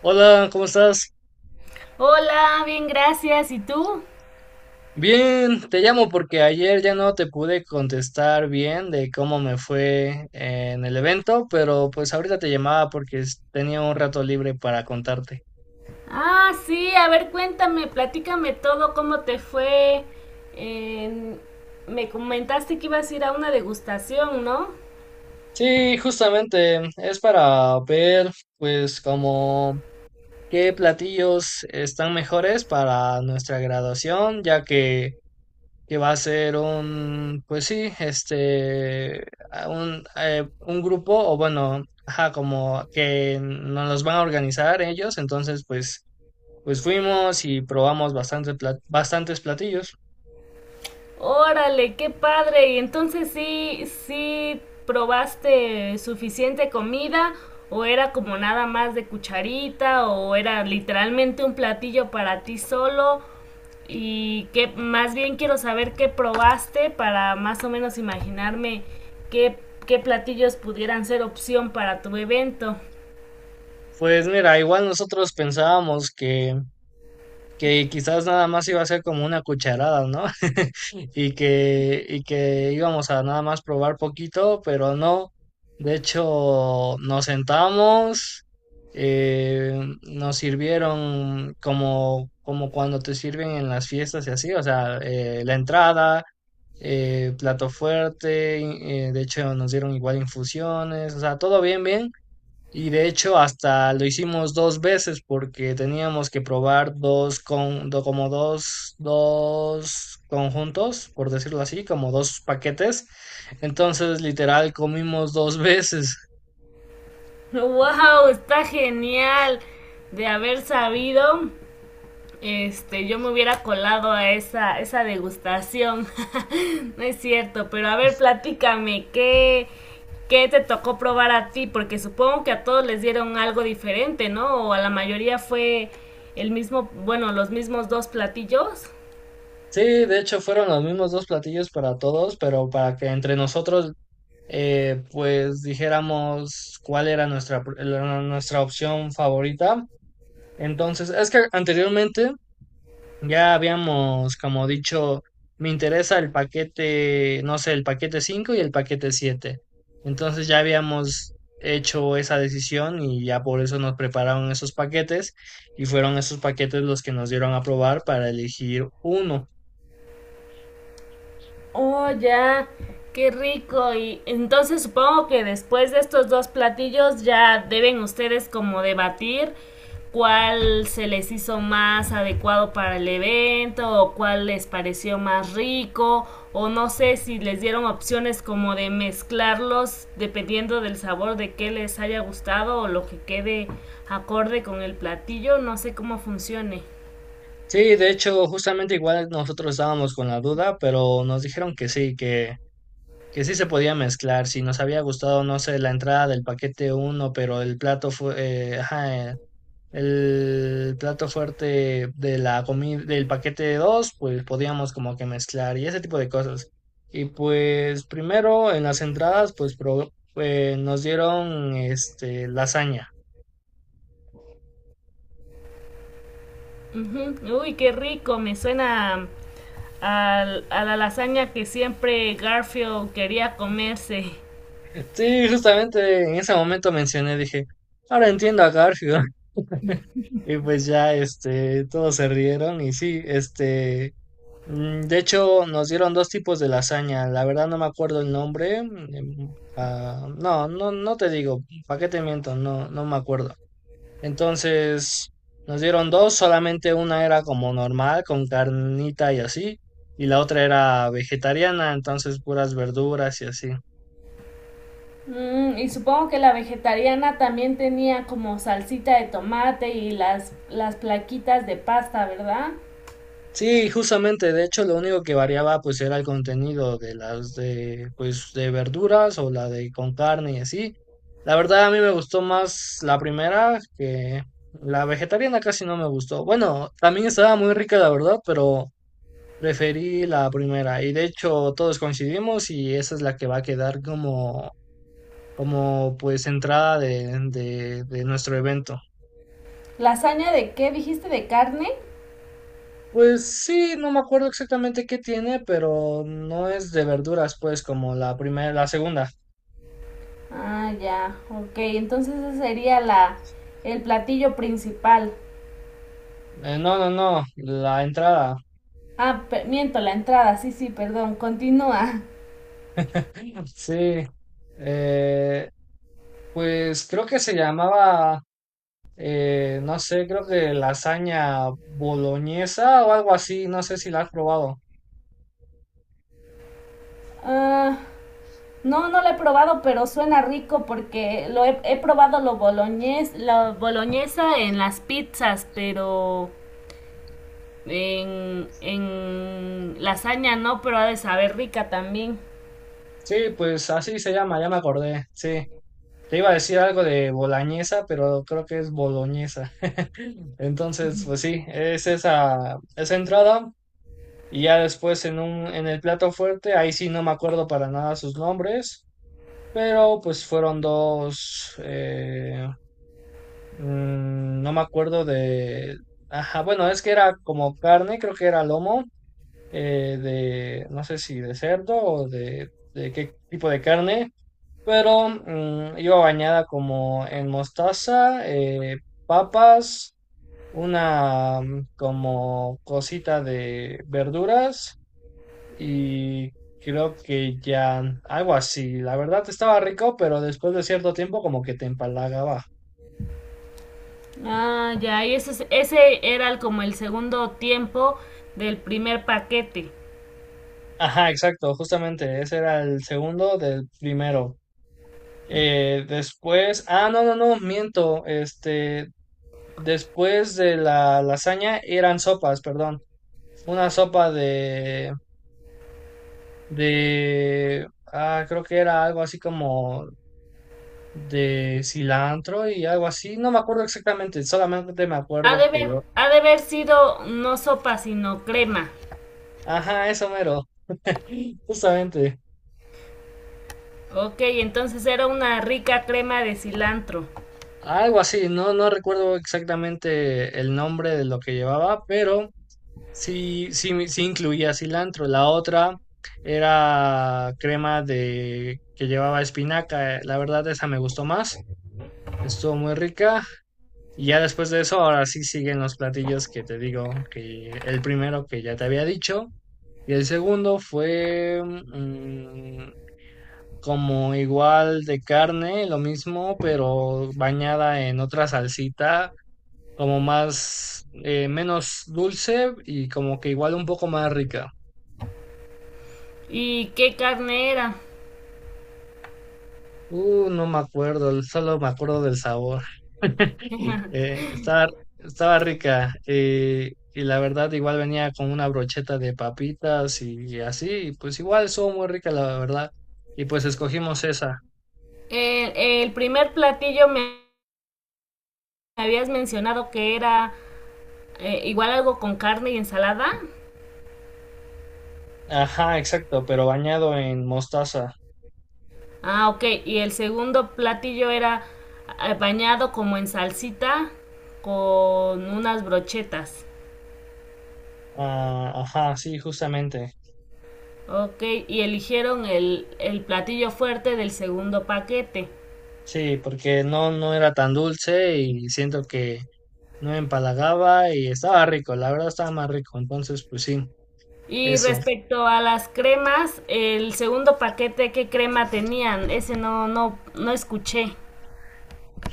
Hola, ¿cómo estás? Hola, bien, gracias. ¿Y tú? Bien, te llamo porque ayer ya no te pude contestar bien de cómo me fue en el evento, pero pues ahorita te llamaba porque tenía un rato libre para contarte. Ah, sí, a ver, cuéntame, platícame todo, cómo te fue. En- Me comentaste que ibas a ir a una degustación, ¿no? Sí, justamente es para ver pues como qué platillos están mejores para nuestra graduación, ya que va a ser un, pues sí, este, a un grupo, o bueno, ajá, como que nos los van a organizar ellos, entonces pues, pues fuimos y probamos bastantes platillos. Órale, qué padre. Y entonces sí, sí probaste suficiente comida, o era como nada más de cucharita, o era literalmente un platillo para ti solo. Y que más bien quiero saber qué probaste para más o menos imaginarme qué, qué platillos pudieran ser opción para tu evento. Pues mira, igual nosotros pensábamos que, quizás nada más iba a ser como una cucharada, ¿no? Y que íbamos a nada más probar poquito, pero no. De hecho, nos sentamos, nos sirvieron como, como cuando te sirven en las fiestas y así, o sea, la entrada, plato fuerte, y, de hecho nos dieron igual infusiones, o sea, todo bien. Y de hecho hasta lo hicimos dos veces porque teníamos que probar como dos conjuntos, por decirlo así, como dos paquetes. Entonces, literal, comimos dos veces. ¡Wow! Está genial. De haber sabido, yo me hubiera colado a esa degustación. No es cierto, pero a ver, platícame, ¿qué te tocó probar a ti? Porque supongo que a todos les dieron algo diferente, ¿no? O a la mayoría fue el mismo, bueno, los mismos dos platillos. Sí, de hecho fueron los mismos dos platillos para todos, pero para que entre nosotros pues dijéramos cuál era nuestra opción favorita. Entonces, es que anteriormente ya habíamos, como dicho, me interesa el paquete, no sé, el paquete 5 y el paquete siete. Entonces ya habíamos hecho esa decisión y ya por eso nos prepararon esos paquetes y fueron esos paquetes los que nos dieron a probar para elegir uno. Oh, ya. Qué rico. Y entonces supongo que después de estos dos platillos ya deben ustedes como debatir cuál se les hizo más adecuado para el evento, o cuál les pareció más rico, o no sé si les dieron opciones como de mezclarlos dependiendo del sabor de qué les haya gustado o lo que quede acorde con el platillo. No sé cómo funcione. Sí, de hecho, justamente igual nosotros estábamos con la duda, pero nos dijeron que sí, que sí se podía mezclar. Si nos había gustado, no sé, la entrada del paquete uno pero eh, ajá, eh, el plato fuerte de la comida, del paquete de dos, pues podíamos como que mezclar y ese tipo de cosas. Y pues primero en las entradas, nos dieron este lasaña. Ujú. Uy, qué rico, me suena a la lasaña que siempre Garfield quería comerse. Sí, justamente en ese momento mencioné, dije, ahora entiendo a Garfield. Y pues ya este todos se rieron y sí, este. De hecho, nos dieron dos tipos de lasaña. La verdad no me acuerdo el nombre. No, te digo. ¿Para qué te miento? No, me acuerdo. Entonces, nos dieron dos. Solamente una era como normal, con carnita y así. Y la otra era vegetariana, entonces puras verduras y así. Mm, y supongo que la vegetariana también tenía como salsita de tomate y las plaquitas de pasta, ¿verdad? Sí, justamente, de hecho lo único que variaba pues era el contenido de las de pues de verduras o la de con carne y así. La verdad a mí me gustó más la primera que la vegetariana casi no me gustó. Bueno, también estaba muy rica la verdad, pero preferí la primera y de hecho todos coincidimos y esa es la que va a quedar como como pues entrada de nuestro evento. ¿Lasaña de qué? ¿Dijiste de carne? Pues sí, no me acuerdo exactamente qué tiene, pero no es de verduras, pues, como la primera, la segunda. Ah, ya, ok, entonces ese sería el platillo principal. No, la entrada. Ah, miento, la entrada, sí, sí, perdón, continúa. Sí. Eh, pues creo que se llamaba, no sé, creo que lasaña boloñesa o algo así, no sé si la has probado. Ah, No, no lo he probado, pero suena rico porque he probado lo boloñés, la boloñesa en las pizzas, pero en lasaña no, pero ha de saber rica también. Sí, pues así se llama, ya me acordé. Sí. Te iba a decir algo de boloñesa, pero creo que es boloñesa. Entonces, pues sí, es esa, esa entrada. Y ya después en el plato fuerte, ahí sí no me acuerdo para nada sus nombres, pero pues fueron dos, no me acuerdo de, ajá, bueno, es que era como carne, creo que era lomo, de, no sé si de cerdo o de qué tipo de carne, pero iba bañada como en mostaza, papas, una como cosita de verduras y creo que ya algo así. La verdad estaba rico, pero después de cierto tiempo como que te empalagaba. Ah, ya, y ese, es- ese era el- como el segundo tiempo del primer paquete. Ajá, exacto, justamente ese era el segundo del primero. Después, ah, no, no, no, miento, este, después de la lasaña eran sopas, perdón, una sopa de, creo que era algo así como de cilantro y algo así, no me acuerdo exactamente, solamente me Ha de, acuerdo que haber, yo. ha de haber sido no sopa, sino crema. Ajá, eso mero, justamente. Ok, entonces era una rica crema de cilantro. Algo así, no recuerdo exactamente el nombre de lo que llevaba, pero sí incluía cilantro. La otra era crema de que llevaba espinaca. La verdad, esa me gustó más. Estuvo muy rica. Y ya después de eso, ahora sí siguen los platillos que te digo, que el primero que ya te había dicho. Y el segundo fue, como igual de carne, lo mismo, pero bañada en otra salsita, como más, menos dulce y como que igual un poco más rica. ¿Y qué carne era? No me acuerdo, solo me acuerdo del sabor. Eh, estaba, estaba rica y la verdad igual venía con una brocheta de papitas y así, y pues igual estuvo muy rica la verdad. Y pues escogimos esa. El primer platillo me habías mencionado que era igual algo con carne y ensalada. Ajá, exacto, pero bañado en mostaza. Ah, ok. Y el segundo platillo era bañado como en salsita con unas brochetas. Ah, ajá, sí, justamente. Ok. Y eligieron el platillo fuerte del segundo paquete. Sí, porque no era tan dulce y siento que no me empalagaba y estaba rico, la verdad estaba más rico. Entonces, pues sí, Y eso. respecto a las cremas, el segundo paquete, ¿qué crema tenían? Ese no escuché.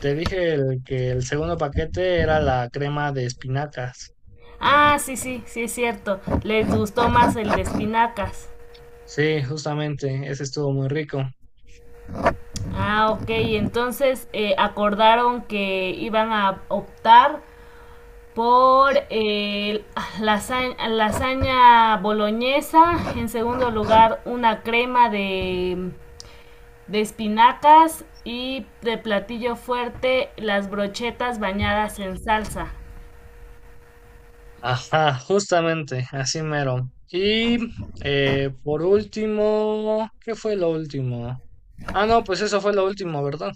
Te dije que el segundo paquete era la crema de espinacas. Ah, sí, sí, sí es cierto. Les gustó más el de espinacas. Sí, justamente, ese estuvo muy rico. Ah, ok. Entonces acordaron que iban a optar por lasaña boloñesa. En segundo lugar, una crema de espinacas. Y de platillo fuerte, las brochetas bañadas en salsa. Ajá, justamente, así mero. Y por último, ¿qué fue lo último? Ah, no, pues eso fue lo último, ¿verdad?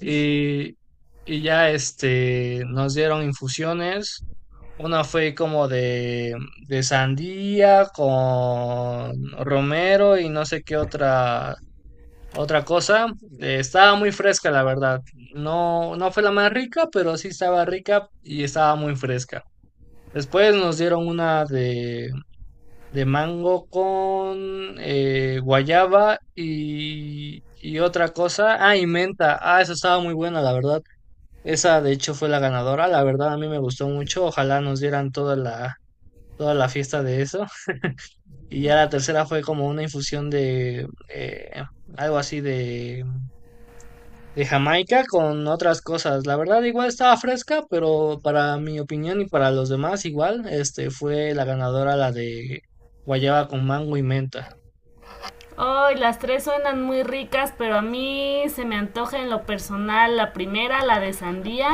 Y, ya este, nos dieron infusiones. Una fue como de sandía con romero y no sé qué otra, otra cosa. Estaba muy fresca, la verdad. No fue la más rica, pero sí estaba rica y estaba muy fresca. Después nos dieron una de mango con guayaba y otra cosa. Ah, y menta. Ah, eso estaba muy buena, la verdad. Esa de hecho fue la ganadora, la verdad a mí me gustó mucho, ojalá nos dieran toda la fiesta de eso. Y ya la tercera fue como una infusión de eh, algo así de Jamaica con otras cosas. La verdad igual estaba fresca, pero para mi opinión y para los demás igual, este fue la ganadora la de guayaba con mango y menta. Ay, oh, las tres suenan muy ricas, pero a mí se me antoja en lo personal la primera, la de sandía,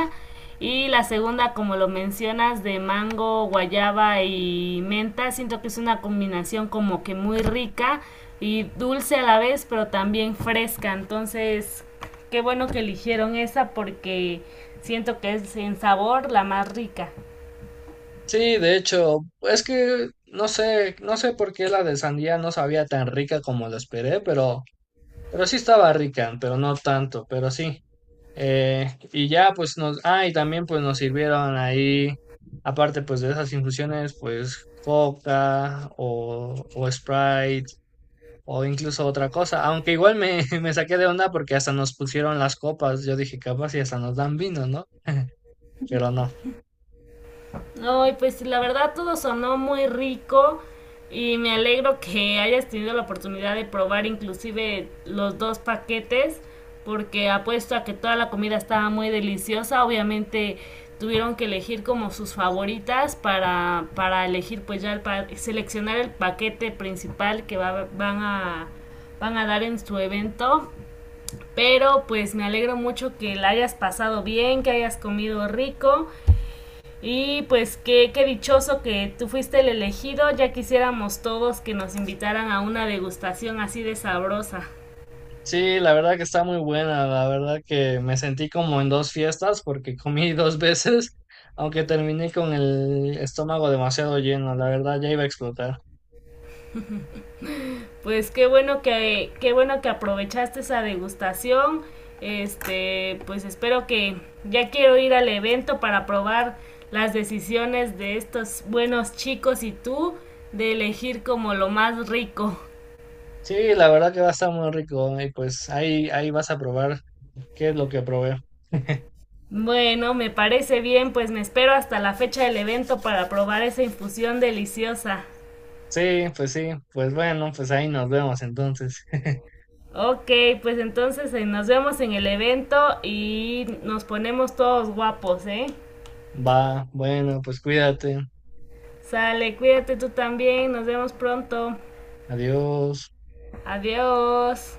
y la segunda, como lo mencionas, de mango, guayaba y menta. Siento que es una combinación como que muy rica y dulce a la vez, pero también fresca. Entonces, qué bueno que eligieron esa porque siento que es en sabor la más rica. Sí, de hecho, es que no sé, no sé por qué la de sandía no sabía tan rica como la esperé, pero sí estaba rica, pero no tanto, pero sí. Eh, y también pues nos sirvieron ahí, aparte pues de esas infusiones, pues coca o Sprite o incluso otra cosa, aunque igual me, me saqué de onda porque hasta nos pusieron las copas, yo dije capaz y hasta nos dan vino, ¿no? Pero no. Ay, pues la verdad todo sonó muy rico y me alegro que hayas tenido la oportunidad de probar inclusive los dos paquetes, porque apuesto a que toda la comida estaba muy deliciosa. Obviamente tuvieron que elegir como sus favoritas para elegir pues ya seleccionar el paquete principal que van a van a dar en su evento. Pero pues me alegro mucho que la hayas pasado bien, que hayas comido rico y pues qué dichoso que tú fuiste el elegido, ya quisiéramos todos que nos invitaran a una degustación así de sabrosa. Sí, la verdad que está muy buena, la verdad que me sentí como en dos fiestas porque comí dos veces, aunque terminé con el estómago demasiado lleno, la verdad ya iba a explotar. Pues qué bueno que aprovechaste esa degustación. Este, pues espero que ya quiero ir al evento para probar las decisiones de estos buenos chicos, y tú, de elegir como lo más rico. Sí, la verdad que va a estar muy rico y pues ahí vas a probar qué es lo que probé. Bueno, me parece bien, pues me espero hasta la fecha del evento para probar esa infusión deliciosa. Sí, pues bueno, pues ahí nos vemos entonces. Ok, pues entonces nos vemos en el evento y nos ponemos todos guapos, ¿eh? Va, bueno, pues cuídate, Sale, cuídate tú también, nos vemos pronto. adiós. Adiós.